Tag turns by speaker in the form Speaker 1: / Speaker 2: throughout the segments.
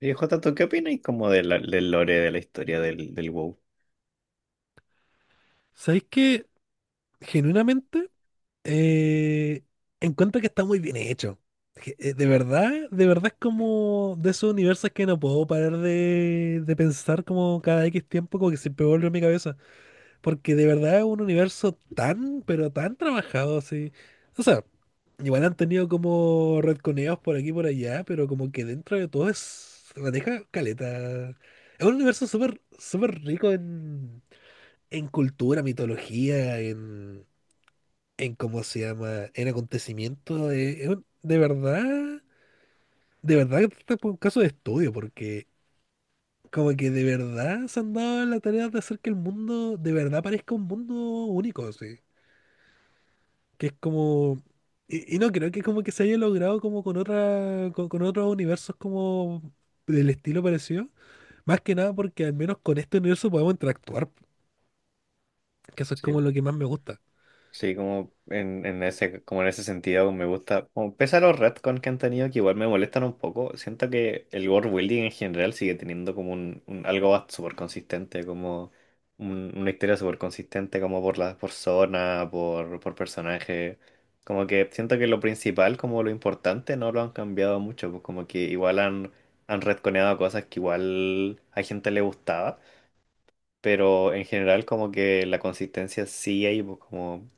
Speaker 1: Y Jota, ¿tú qué opinas como del lore de la historia del WoW?
Speaker 2: ¿Sabéis que genuinamente eh, encuentro que está muy bien hecho? De verdad es como de esos universos que no puedo parar de pensar como cada X tiempo, como que siempre vuelve a mi cabeza. Porque de verdad es un universo tan, pero tan trabajado así. O sea, igual han tenido como retconeos por aquí y por allá, pero como que dentro de todo es, maneja caleta. Es un universo súper, súper rico en cultura, mitología, en cómo se llama, en acontecimientos, de verdad que está por un caso de estudio, porque como que de verdad se han dado la tarea de hacer que el mundo de verdad parezca un mundo único, sí. Que es como, y no creo que como que se haya logrado como con otra, con otros universos como del estilo parecido, más que nada porque al menos con este universo podemos interactuar, que eso es como
Speaker 1: Sí,
Speaker 2: lo que más me gusta.
Speaker 1: sí, como en ese, como en ese sentido me gusta, como pese a los retcons que han tenido, que igual me molestan un poco. Siento que el world building en general sigue teniendo como súper consistente, como una historia súper consistente, como por por zona, por personaje. Como que siento que lo principal, como lo importante, no lo han cambiado mucho, pues como que igual han retconeado cosas que igual a gente le gustaba, pero en general como que la consistencia sí hay, pues, como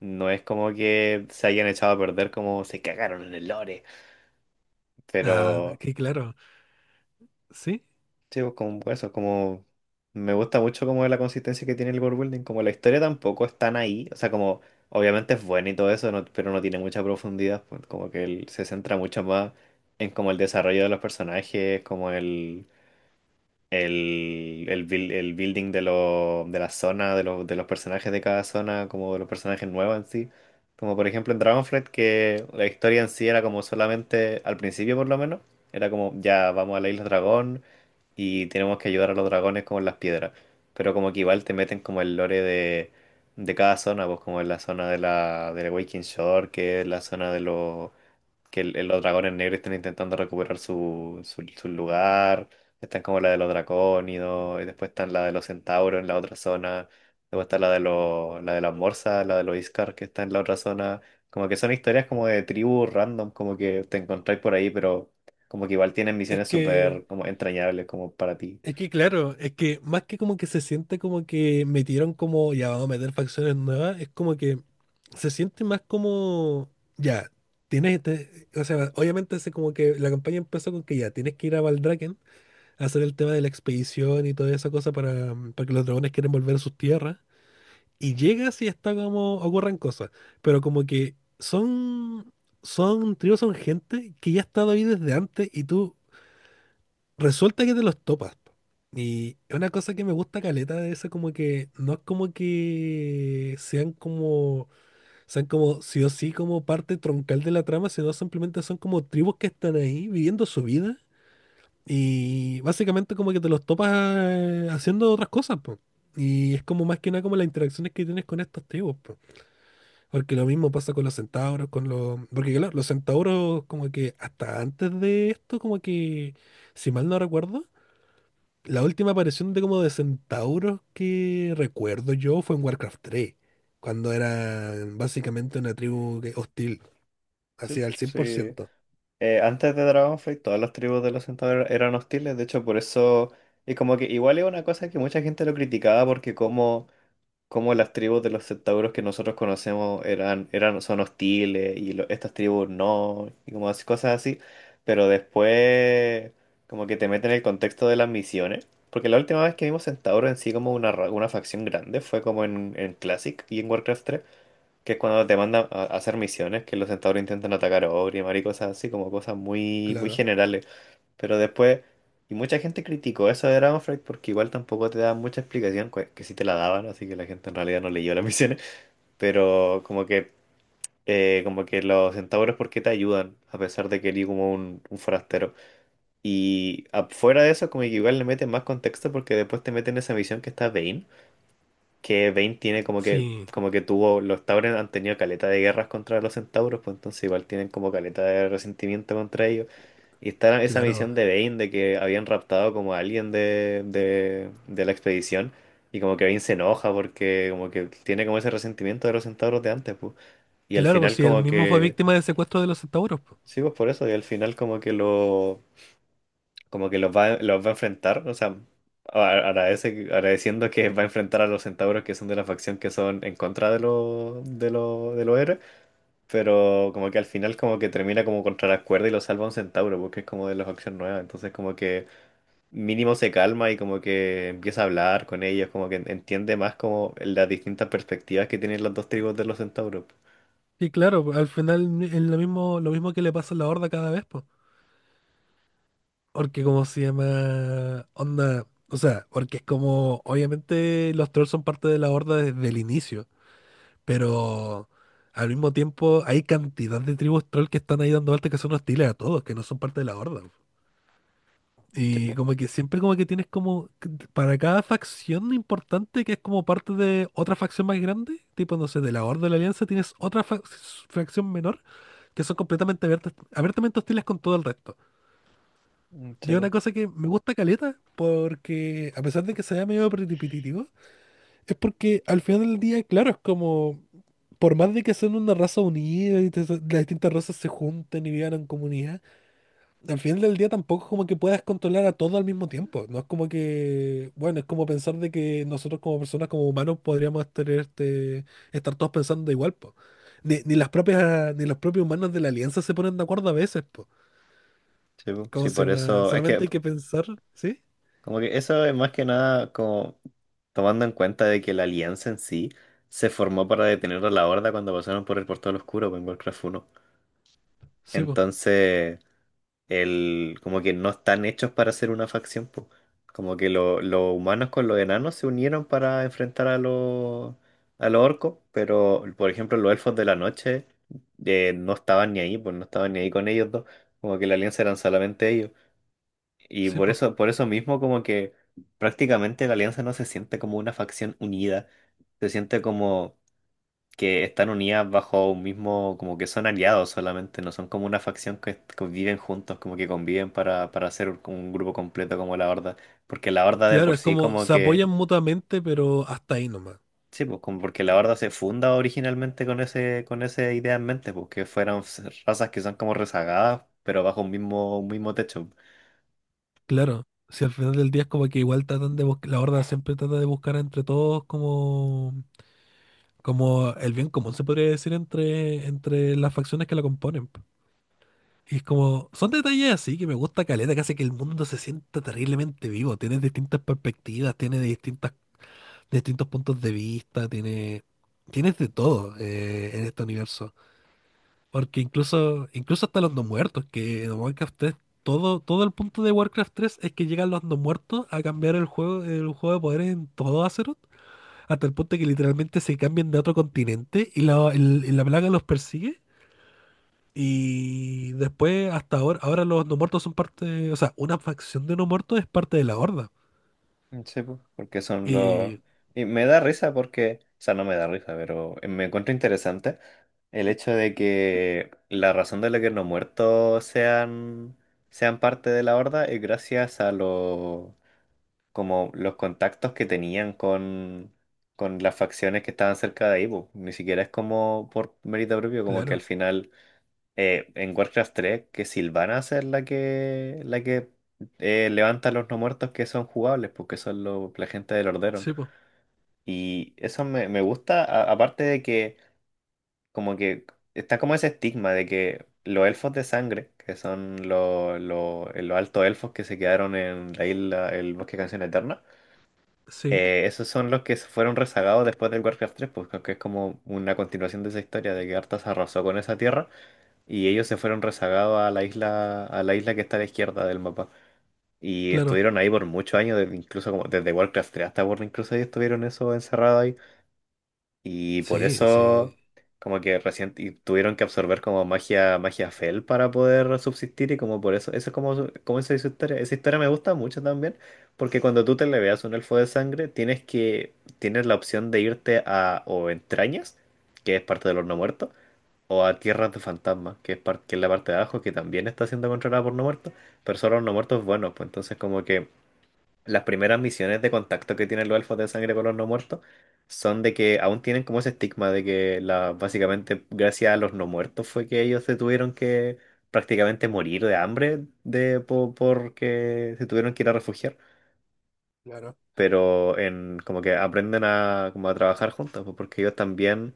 Speaker 1: no es como que se hayan echado a perder, como se cagaron en el lore,
Speaker 2: Ah,
Speaker 1: pero
Speaker 2: que claro, sí.
Speaker 1: sí, pues, como eso. Como me gusta mucho como la consistencia que tiene el world building, como la historia tampoco es tan ahí, o sea, como obviamente es buena y todo eso, pero no tiene mucha profundidad, pues, como que él se centra mucho más en como el desarrollo de los personajes, como el building de la zona, los de los personajes de cada zona, como de los personajes nuevos en sí. Como por ejemplo en Dragonflight, que la historia en sí era como solamente, al principio por lo menos, era como ya vamos a la isla dragón y tenemos que ayudar a los dragones con las piedras. Pero como que igual te meten como el lore de cada zona, pues como en la zona de del Waking Shore, que es la zona de los que los dragones negros están intentando recuperar su lugar. Están como la de los dracónidos, y después están la de los centauros en la otra zona. Luego está la de los, la de las morsas, la de los Iskar, que está en la otra zona. Como que son historias como de tribus random, como que te encontráis por ahí, pero como que igual tienen
Speaker 2: Es
Speaker 1: misiones
Speaker 2: que,
Speaker 1: súper como entrañables como para ti.
Speaker 2: es que claro, es que más que como que se siente como que metieron como, ya vamos a meter facciones nuevas, es como que se siente más como, ya, tienes, o sea, obviamente hace como que la campaña empezó con que ya, tienes que ir a Valdraken a hacer el tema de la expedición y toda esa cosa para, para que los dragones quieren volver a sus tierras, y llegas y está como, ocurren cosas, pero como que son, tribus son gente que ya ha estado ahí desde antes y tú... Resulta que te los topas. Y es una cosa que me gusta caleta de eso, como que no es como que sean como sí o sí como parte troncal de la trama, sino simplemente son como tribus que están ahí viviendo su vida. Y básicamente como que te los topas haciendo otras cosas, po. Y es como más que nada como las interacciones que tienes con estos tribus, po. Porque lo mismo pasa con los centauros, con los... Porque claro, los centauros como que hasta antes de esto, como que, si mal no recuerdo, la última aparición de como de centauros que recuerdo yo fue en Warcraft 3, cuando era básicamente una tribu hostil,
Speaker 1: Sí,
Speaker 2: así
Speaker 1: po,
Speaker 2: al
Speaker 1: sí.
Speaker 2: 100%,
Speaker 1: Antes de Dragonflight, todas las tribus de los centauros eran hostiles, de hecho por eso... Y como que igual es una cosa que mucha gente lo criticaba, porque como cómo las tribus de los centauros que nosotros conocemos son hostiles y estas tribus no, y como cosas así, pero después como que te meten en el contexto de las misiones, porque la última vez que vimos centauros en sí como una, una facción grande fue como en Classic y en Warcraft tres, que es cuando te mandan a hacer misiones, que los centauros intentan atacar a Ogrimmar y cosas así, como cosas muy, muy
Speaker 2: claro.
Speaker 1: generales. Pero después, y mucha gente criticó eso de Dragonflight porque igual tampoco te daban mucha explicación, que sí te la daban, así que la gente en realidad no leyó las misiones, pero como que los centauros, ¿por qué te ayudan? A pesar de que eres como un forastero. Y afuera de eso, como que igual le meten más contexto, porque después te meten esa misión que está Vayne, que Vayne tiene
Speaker 2: Sí,
Speaker 1: como que tuvo, los Tauren han tenido caleta de guerras contra los centauros, pues entonces igual tienen como caleta de resentimiento contra ellos. Y está esa
Speaker 2: claro.
Speaker 1: misión de Bane, de que habían raptado como a alguien de la expedición. Y como que Bane se enoja porque como que tiene como ese resentimiento de los centauros de antes, pues. Y al
Speaker 2: Claro, pues
Speaker 1: final
Speaker 2: si él
Speaker 1: como
Speaker 2: mismo fue
Speaker 1: que...
Speaker 2: víctima del secuestro de los centauros, pues.
Speaker 1: Sí, pues por eso. Y al final como que lo... Como que los va a enfrentar. O sea, agradece, agradeciendo que va a enfrentar a los centauros que son de la facción que son en contra de los de los héroes. Pero como que al final como que termina como contra la cuerda y lo salva un centauro porque es como de la facción nueva. Entonces como que... mínimo se calma y como que empieza a hablar con ellos, como que entiende más como las distintas perspectivas que tienen las dos tribus de los centauros.
Speaker 2: Y claro, pues, al final es lo mismo que le pasa a la Horda cada vez, pues. Porque como se llama onda, o sea, porque es como, obviamente los trolls son parte de la Horda desde el inicio. Pero al mismo tiempo hay cantidad de tribus troll que están ahí dando vueltas que son hostiles a todos, que no son parte de la horda.
Speaker 1: Sí,
Speaker 2: Y
Speaker 1: po.
Speaker 2: como que siempre como que tienes como que para cada facción importante que es como parte de otra facción más grande, tipo no sé, de la Horda de la Alianza tienes otra facción menor que son completamente abiertas, abiertamente hostiles con todo el resto.
Speaker 1: Mm,
Speaker 2: Y
Speaker 1: sí,
Speaker 2: es una
Speaker 1: po.
Speaker 2: cosa que me gusta caleta, porque a pesar de que sea medio repetitivo, es porque al final del día, claro, es como por más de que son una raza unida y las distintas razas se junten y vivan en comunidad, al final del día tampoco es como que puedas controlar a todo al mismo tiempo. No es como que, bueno, es como pensar de que nosotros como personas, como humanos, podríamos tener estar todos pensando igual, po. Ni las propias, ni los propios humanos de la alianza se ponen de acuerdo a veces, po.
Speaker 1: Sí, po.
Speaker 2: ¿Cómo
Speaker 1: Sí,
Speaker 2: se
Speaker 1: por
Speaker 2: llama?
Speaker 1: eso, es que
Speaker 2: Solamente hay que pensar, ¿sí?
Speaker 1: como que eso es más que nada como tomando en cuenta de que la alianza en sí se formó para detener a la Horda cuando pasaron por el Portal Oscuro po, en Warcraft 1.
Speaker 2: Sí, po,
Speaker 1: Entonces... el, como que no están hechos para ser una facción, po. Como que los humanos con los enanos se unieron para enfrentar a los orcos, pero por ejemplo los elfos de la noche no estaban ni ahí, pues no estaban ni ahí con ellos dos, como que la alianza eran solamente ellos. Y
Speaker 2: sí, po.
Speaker 1: por eso mismo como que prácticamente la alianza no se siente como una facción unida, se siente como que están unidas bajo un mismo, como que son aliados solamente, no son como una facción que conviven juntos, como que conviven para hacer un grupo completo como la Horda, porque la Horda de
Speaker 2: Claro,
Speaker 1: por
Speaker 2: es
Speaker 1: sí
Speaker 2: como
Speaker 1: como
Speaker 2: se
Speaker 1: que,
Speaker 2: apoyan mutuamente, pero hasta ahí nomás.
Speaker 1: sí, pues como porque la Horda se funda originalmente con ese, con esa idea en mente, porque fueran razas que son como rezagadas, pero bajo un mismo techo.
Speaker 2: Claro, si al final del día es como que igual tratan de buscar, la horda siempre trata de buscar entre todos como el bien común, se podría decir, entre las facciones que la componen. Po. Y es como, son detalles así que me gusta caleta, que hace que el mundo se sienta terriblemente vivo. Tienes distintas perspectivas, tienes distintas, distintos puntos de vista, tienes de todo en este universo. Porque incluso, incluso hasta los no muertos, que en Warcraft 3, todo el punto de Warcraft 3 es que llegan los no muertos a cambiar el juego de poder en todo Azeroth, hasta el punto que literalmente se cambian de otro continente y la plaga los persigue. Y después, hasta ahora, ahora los no muertos son parte, o sea, una facción de no muertos es parte de la Horda.
Speaker 1: Sí, pues, porque son los...
Speaker 2: Y
Speaker 1: Y me da risa porque, o sea, no me da risa, pero me encuentro interesante el hecho de que la razón de la que los muertos sean parte de la horda es gracias a los, como los contactos que tenían con las facciones que estaban cerca de ahí, pues. Ni siquiera es como por mérito propio, como que al
Speaker 2: claro,
Speaker 1: final en Warcraft 3 que Sylvanas es la que levanta a los no muertos que son jugables, porque son los la gente del Orderon.
Speaker 2: sí, po,
Speaker 1: Y eso me, me gusta, aparte de que como que está como ese estigma de que los elfos de sangre, que son los altos elfos que se quedaron en la isla, el bosque de Canción Eterna,
Speaker 2: sí,
Speaker 1: esos son los que se fueron rezagados después del Warcraft 3, porque es como una continuación de esa historia de que Arthas arrasó con esa tierra y ellos se fueron rezagados a la isla que está a la izquierda del mapa. Y
Speaker 2: claro,
Speaker 1: estuvieron ahí por muchos años, incluso como desde Warcraft 3 hasta Burning Crusade estuvieron eso encerrado ahí. Y por
Speaker 2: sí,
Speaker 1: eso
Speaker 2: sí.
Speaker 1: como que recién y tuvieron que absorber como magia, magia Fel para poder subsistir, y como por eso, eso es como, como esa es su historia. Esa historia me gusta mucho también, porque cuando tú te le veas un elfo de sangre, tienes la opción de irte a o entrañas, que es parte de los no muertos, o a Tierras de Fantasmas, que es, que es la parte de abajo, que también está siendo controlada por no muertos, pero solo los no muertos buenos. Pues entonces como que las primeras misiones de contacto que tienen los elfos de sangre con los no muertos son de que aún tienen como ese estigma de que la, básicamente gracias a los no muertos fue que ellos se tuvieron que prácticamente morir de hambre porque se tuvieron que ir a refugiar, pero en como que aprenden a, como a trabajar juntos, pues, porque ellos también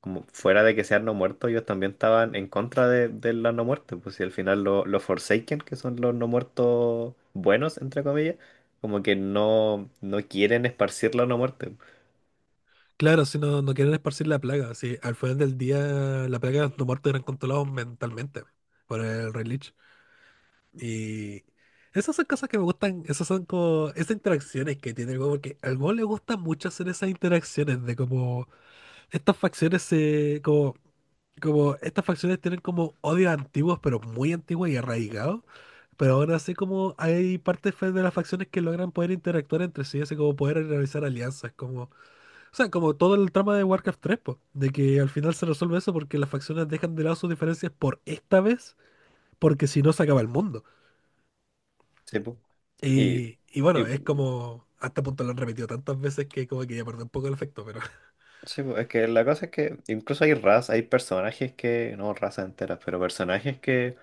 Speaker 1: como fuera de que sean no muertos, ellos también estaban en contra de la no muerte, pues si al final los Forsaken, que son los no muertos buenos, entre comillas, como que no quieren esparcir la no muerte.
Speaker 2: Claro, si no, no quieren esparcir la plaga. Si al final del día la plaga de los muertos eran controlados mentalmente por el Rey Lich. Y esas son cosas que me gustan, esas son como esas interacciones que tiene el juego, porque al juego le gusta mucho hacer esas interacciones de como estas facciones se como estas facciones tienen como odios antiguos, pero muy antiguos y arraigados. Pero aún así como hay partes de las facciones que logran poder interactuar entre sí, así como poder realizar alianzas, como o sea, como todo el trama de Warcraft 3 po, de que al final se resuelve eso porque las facciones dejan de lado sus diferencias por esta vez, porque si no se acaba el mundo.
Speaker 1: Sí, pues. Y,
Speaker 2: Y
Speaker 1: y
Speaker 2: bueno, es como, a este punto lo han repetido tantas veces que como que ya perdió un poco el efecto, pero...
Speaker 1: sí, pues, es que la cosa es que incluso hay razas, hay personajes que, no razas enteras, pero personajes que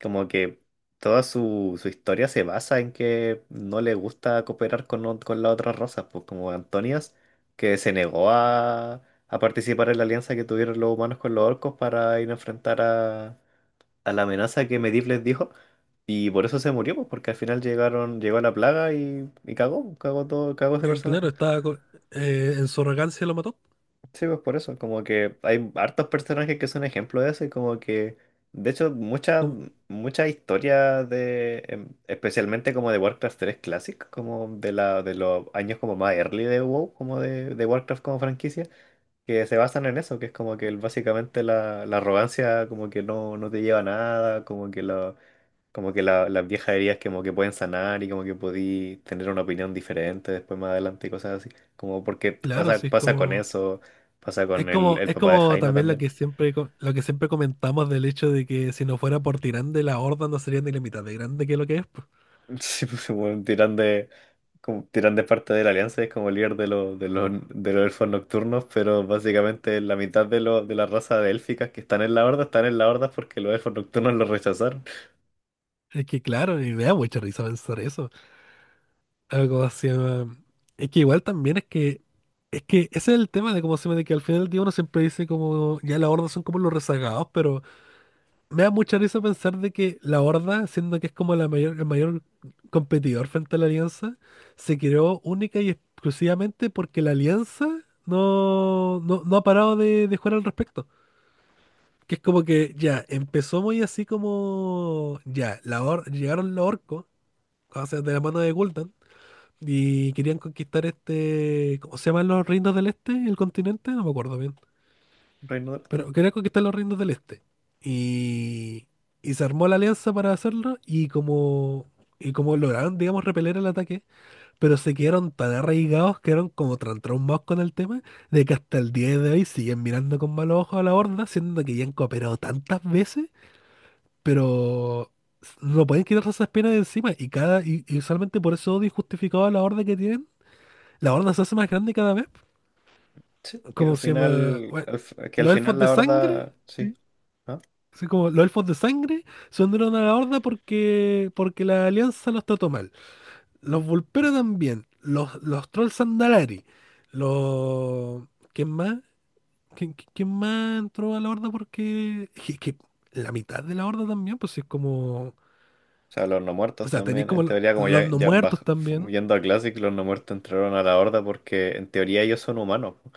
Speaker 1: como que toda su historia se basa en que no le gusta cooperar con, con las otras razas, pues como Antonias, que se negó a participar en la alianza que tuvieron los humanos con los orcos para ir a enfrentar a la amenaza que Medivh les dijo, y por eso se murió, pues porque al final llegaron, llegó la plaga y cagó, cagó todo, cagó ese
Speaker 2: Y claro,
Speaker 1: personaje.
Speaker 2: estaba en su arrogancia lo mató.
Speaker 1: Sí, pues por eso, como que hay hartos personajes que son ejemplo de eso y como que, de hecho,
Speaker 2: Como,
Speaker 1: muchas historias de, especialmente como de Warcraft 3 Classic, como de la de los años como más early de WoW, como de Warcraft como franquicia, que se basan en eso, que es como que básicamente la, la arrogancia como que no te lleva a nada, como que como que las viejas heridas como que pueden sanar y como que podí tener una opinión diferente después más adelante y cosas así. Como porque
Speaker 2: claro,
Speaker 1: pasa,
Speaker 2: sí, es
Speaker 1: pasa con
Speaker 2: como...
Speaker 1: eso, pasa
Speaker 2: Es
Speaker 1: con el,
Speaker 2: como,
Speaker 1: el
Speaker 2: es
Speaker 1: papá de
Speaker 2: como
Speaker 1: Jaina
Speaker 2: también
Speaker 1: también.
Speaker 2: lo que siempre comentamos del hecho de que si no fuera por Tirande la Horda no sería ni la mitad de grande que lo que es. Po.
Speaker 1: Sí, pues bueno, tiran de, como, tiran de parte de la Alianza, es como líder de los elfos nocturnos, pero básicamente la mitad de, los de la raza de élficas que están en la horda, están en la horda porque los elfos nocturnos los rechazaron.
Speaker 2: Es que claro, y me da mucha risa pensar eso. Algo se llama- Es que igual también es que. Es que ese es el tema de cómo se llama, de que al final del día uno siempre dice como ya la horda son como los rezagados, pero me da mucha risa pensar de que la Horda, siendo que es como la mayor, el mayor competidor frente a la Alianza, se creó única y exclusivamente porque la Alianza no ha parado de jugar al respecto. Que es como que ya, empezó muy así como ya, llegaron los orcos, o sea, de la mano de Gul'dan, y querían conquistar ¿cómo se llaman los reinos del este? ¿El continente? No me acuerdo bien.
Speaker 1: Reino de la Tierra.
Speaker 2: Pero quería conquistar los reinos del este. Y, y se armó la alianza para hacerlo y como, lograron, digamos, repeler el ataque, pero se quedaron tan arraigados, quedaron como tan traumados con el tema, de que hasta el día de hoy siguen mirando con malos ojos a la horda, siendo que ya han cooperado tantas veces, pero no pueden quitarse esas penas de encima. Y usualmente por ese odio injustificado a la horda que tienen, la horda se hace más grande cada vez.
Speaker 1: Sí. Que al
Speaker 2: ¿Como se llama?
Speaker 1: final,
Speaker 2: Bueno,
Speaker 1: que al
Speaker 2: los elfos
Speaker 1: final
Speaker 2: de
Speaker 1: la
Speaker 2: sangre.
Speaker 1: horda, sí.
Speaker 2: Así como los elfos de sangre se unieron a la horda porque, la alianza los trató mal. Los vulperos también. Los trolls Sandalari. Los... ¿Quién más? ¿Quién más entró a la horda porque... Es que la mitad de la horda también, pues sí es como...
Speaker 1: O sea, los no
Speaker 2: O
Speaker 1: muertos
Speaker 2: sea, tenéis
Speaker 1: también.
Speaker 2: como
Speaker 1: En teoría, como
Speaker 2: los
Speaker 1: ya,
Speaker 2: no muertos también.
Speaker 1: yendo a Classic, los no muertos entraron a la Horda porque en teoría ellos son humanos, po.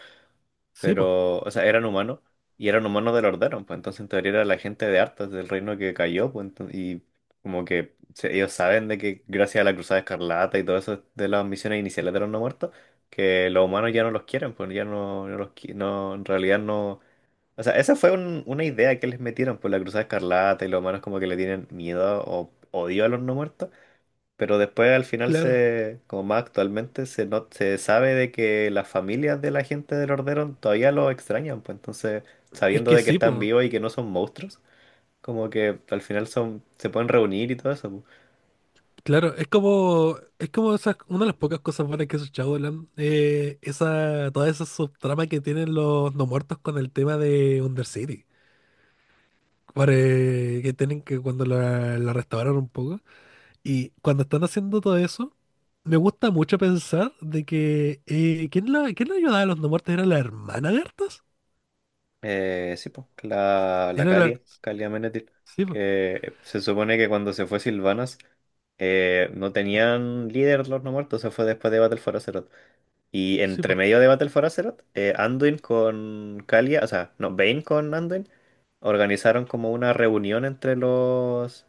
Speaker 2: Sí, pues.
Speaker 1: Pero, o sea, eran humanos y eran humanos del Orderon, pues entonces en teoría era la gente de Arthas, del reino que cayó, pues y como que ellos saben de que gracias a la Cruzada Escarlata y todo eso de las misiones iniciales de los no muertos, que los humanos ya no los quieren, pues ya no, no, en realidad no. O sea, esa fue una idea que les metieron por la Cruzada Escarlata y los humanos como que le tienen miedo o odio a los no muertos. Pero después al final
Speaker 2: Claro.
Speaker 1: se, como más actualmente, se, no, se sabe de que las familias de la gente del Orderon todavía lo extrañan, pues entonces,
Speaker 2: Es
Speaker 1: sabiendo
Speaker 2: que
Speaker 1: de que
Speaker 2: sí,
Speaker 1: están
Speaker 2: pues.
Speaker 1: vivos y que no son monstruos, como que al final son, se pueden reunir y todo eso, pues.
Speaker 2: Claro, es como esas, una de las pocas cosas buenas que hizo Shadowland, esa, toda esa subtrama que tienen los no muertos con el tema de Undercity, para, que tienen que cuando la restauraron un poco, y cuando están haciendo todo eso, me gusta mucho pensar de que, ¿quién la ayudaba a los no muertos? ¿Era la hermana de Arthas?
Speaker 1: Sí, pues, la
Speaker 2: Era la,
Speaker 1: Calia, Calia Menethil,
Speaker 2: sí, po,
Speaker 1: que se supone que cuando se fue Sylvanas, no tenían líder los no muertos, se fue después de Battle for Azeroth. Y
Speaker 2: sí,
Speaker 1: entre
Speaker 2: po,
Speaker 1: medio de Battle for Azeroth, Anduin con Kalia, o sea, no, Vayne con Anduin, organizaron como una reunión entre los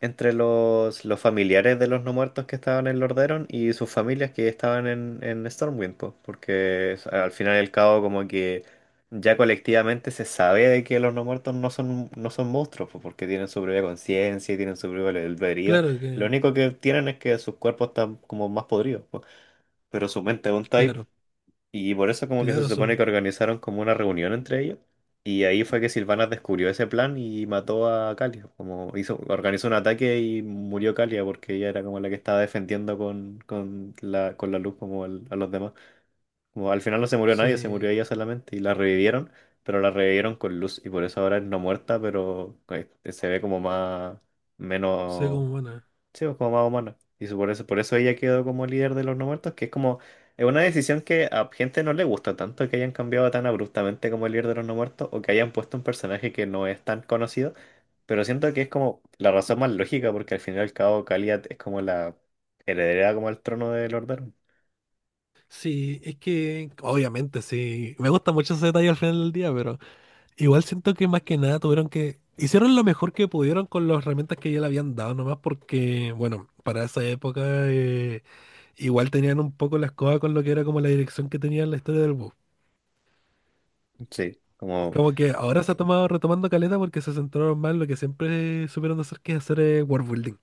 Speaker 1: entre los familiares de los no muertos que estaban en Lordaeron y sus familias que estaban en Stormwind, po, porque al final y al cabo como que ya colectivamente se sabe de que los no muertos no son, no son monstruos, po, porque tienen su propia conciencia y tienen su propio albedrío.
Speaker 2: claro
Speaker 1: Lo
Speaker 2: que,
Speaker 1: único que tienen es que sus cuerpos están como más podridos, po, pero su mente es un type.
Speaker 2: claro,
Speaker 1: Y por eso como que se
Speaker 2: claro,
Speaker 1: supone que
Speaker 2: son,
Speaker 1: organizaron como una reunión entre ellos. Y ahí fue que Silvana descubrió ese plan y mató a Kalia. Como hizo, organizó un ataque y murió Kalia porque ella era como la que estaba defendiendo con, con la luz como a los demás. Como al final no se murió nadie, se murió
Speaker 2: sí,
Speaker 1: ella solamente. Y la revivieron, pero la revivieron con luz. Y por eso ahora es no muerta, pero se ve como más,
Speaker 2: sé
Speaker 1: menos.
Speaker 2: como buenas.
Speaker 1: Sí, pues, como más humano. Y por eso ella quedó como líder de los no muertos, que es como, es una decisión que a gente no le gusta tanto que hayan cambiado tan abruptamente como el líder de los no muertos, o que hayan puesto un personaje que no es tan conocido, pero siento que es como la razón más lógica, porque al final y al cabo Kaliat es como la heredera como al trono de Lord Baron.
Speaker 2: Sí, es que obviamente sí. Me gusta mucho ese detalle al final del día, pero igual siento que más que nada tuvieron que... Hicieron lo mejor que pudieron con las herramientas que ya le habían dado, nomás porque, bueno, para esa época eh, igual tenían un poco la escoba con lo que era como la dirección que tenía en la historia del bus.
Speaker 1: Sí, como,
Speaker 2: Como que ahora se ha tomado retomando caleta porque se centraron más en lo que siempre supieron hacer, que es hacer world building.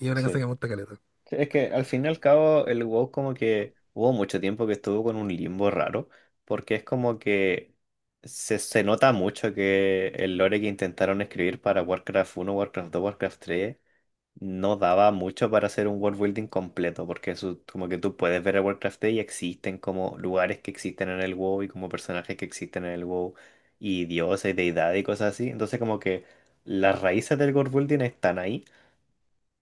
Speaker 2: Y es una cosa
Speaker 1: sí.
Speaker 2: que me gusta caleta.
Speaker 1: Sí, es que al fin y al cabo el WoW como que hubo mucho tiempo que estuvo con un limbo raro, porque es como que se nota mucho que el lore que intentaron escribir para Warcraft uno, Warcraft dos, Warcraft 3 no daba mucho para hacer un world building completo, porque eso, como que tú puedes ver el Warcraft 3 y existen como lugares que existen en el WoW y como personajes que existen en el WoW y dioses, deidades y cosas así, entonces como que las raíces del world building están ahí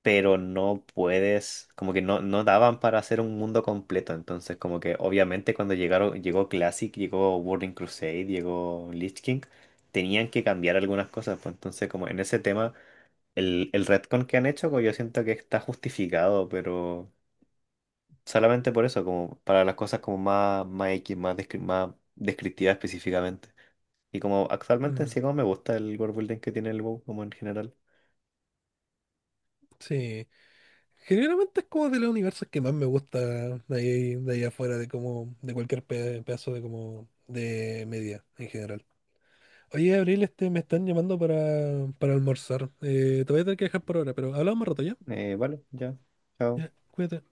Speaker 1: pero no puedes, como que no, no daban para hacer un mundo completo. Entonces, como que obviamente cuando llegaron, llegó Classic, llegó Burning Crusade, llegó Lich King, tenían que cambiar algunas cosas. Pues entonces, como en ese tema, el retcon que han hecho, como yo siento que está justificado, pero solamente por eso, como para las cosas como más, más X, más, más descriptivas específicamente. Y como actualmente en
Speaker 2: Mm,
Speaker 1: sí como me gusta el world building que tiene el WoW como en general.
Speaker 2: sí. Generalmente es como de los universos que más me gusta de ahí afuera, de como, de cualquier pedazo de como de media en general. Oye, Abril, me están llamando para, almorzar. Te voy a tener que dejar por ahora, pero hablamos más rato ya.
Speaker 1: Vale, ya. Chao.
Speaker 2: Ya, cuídate.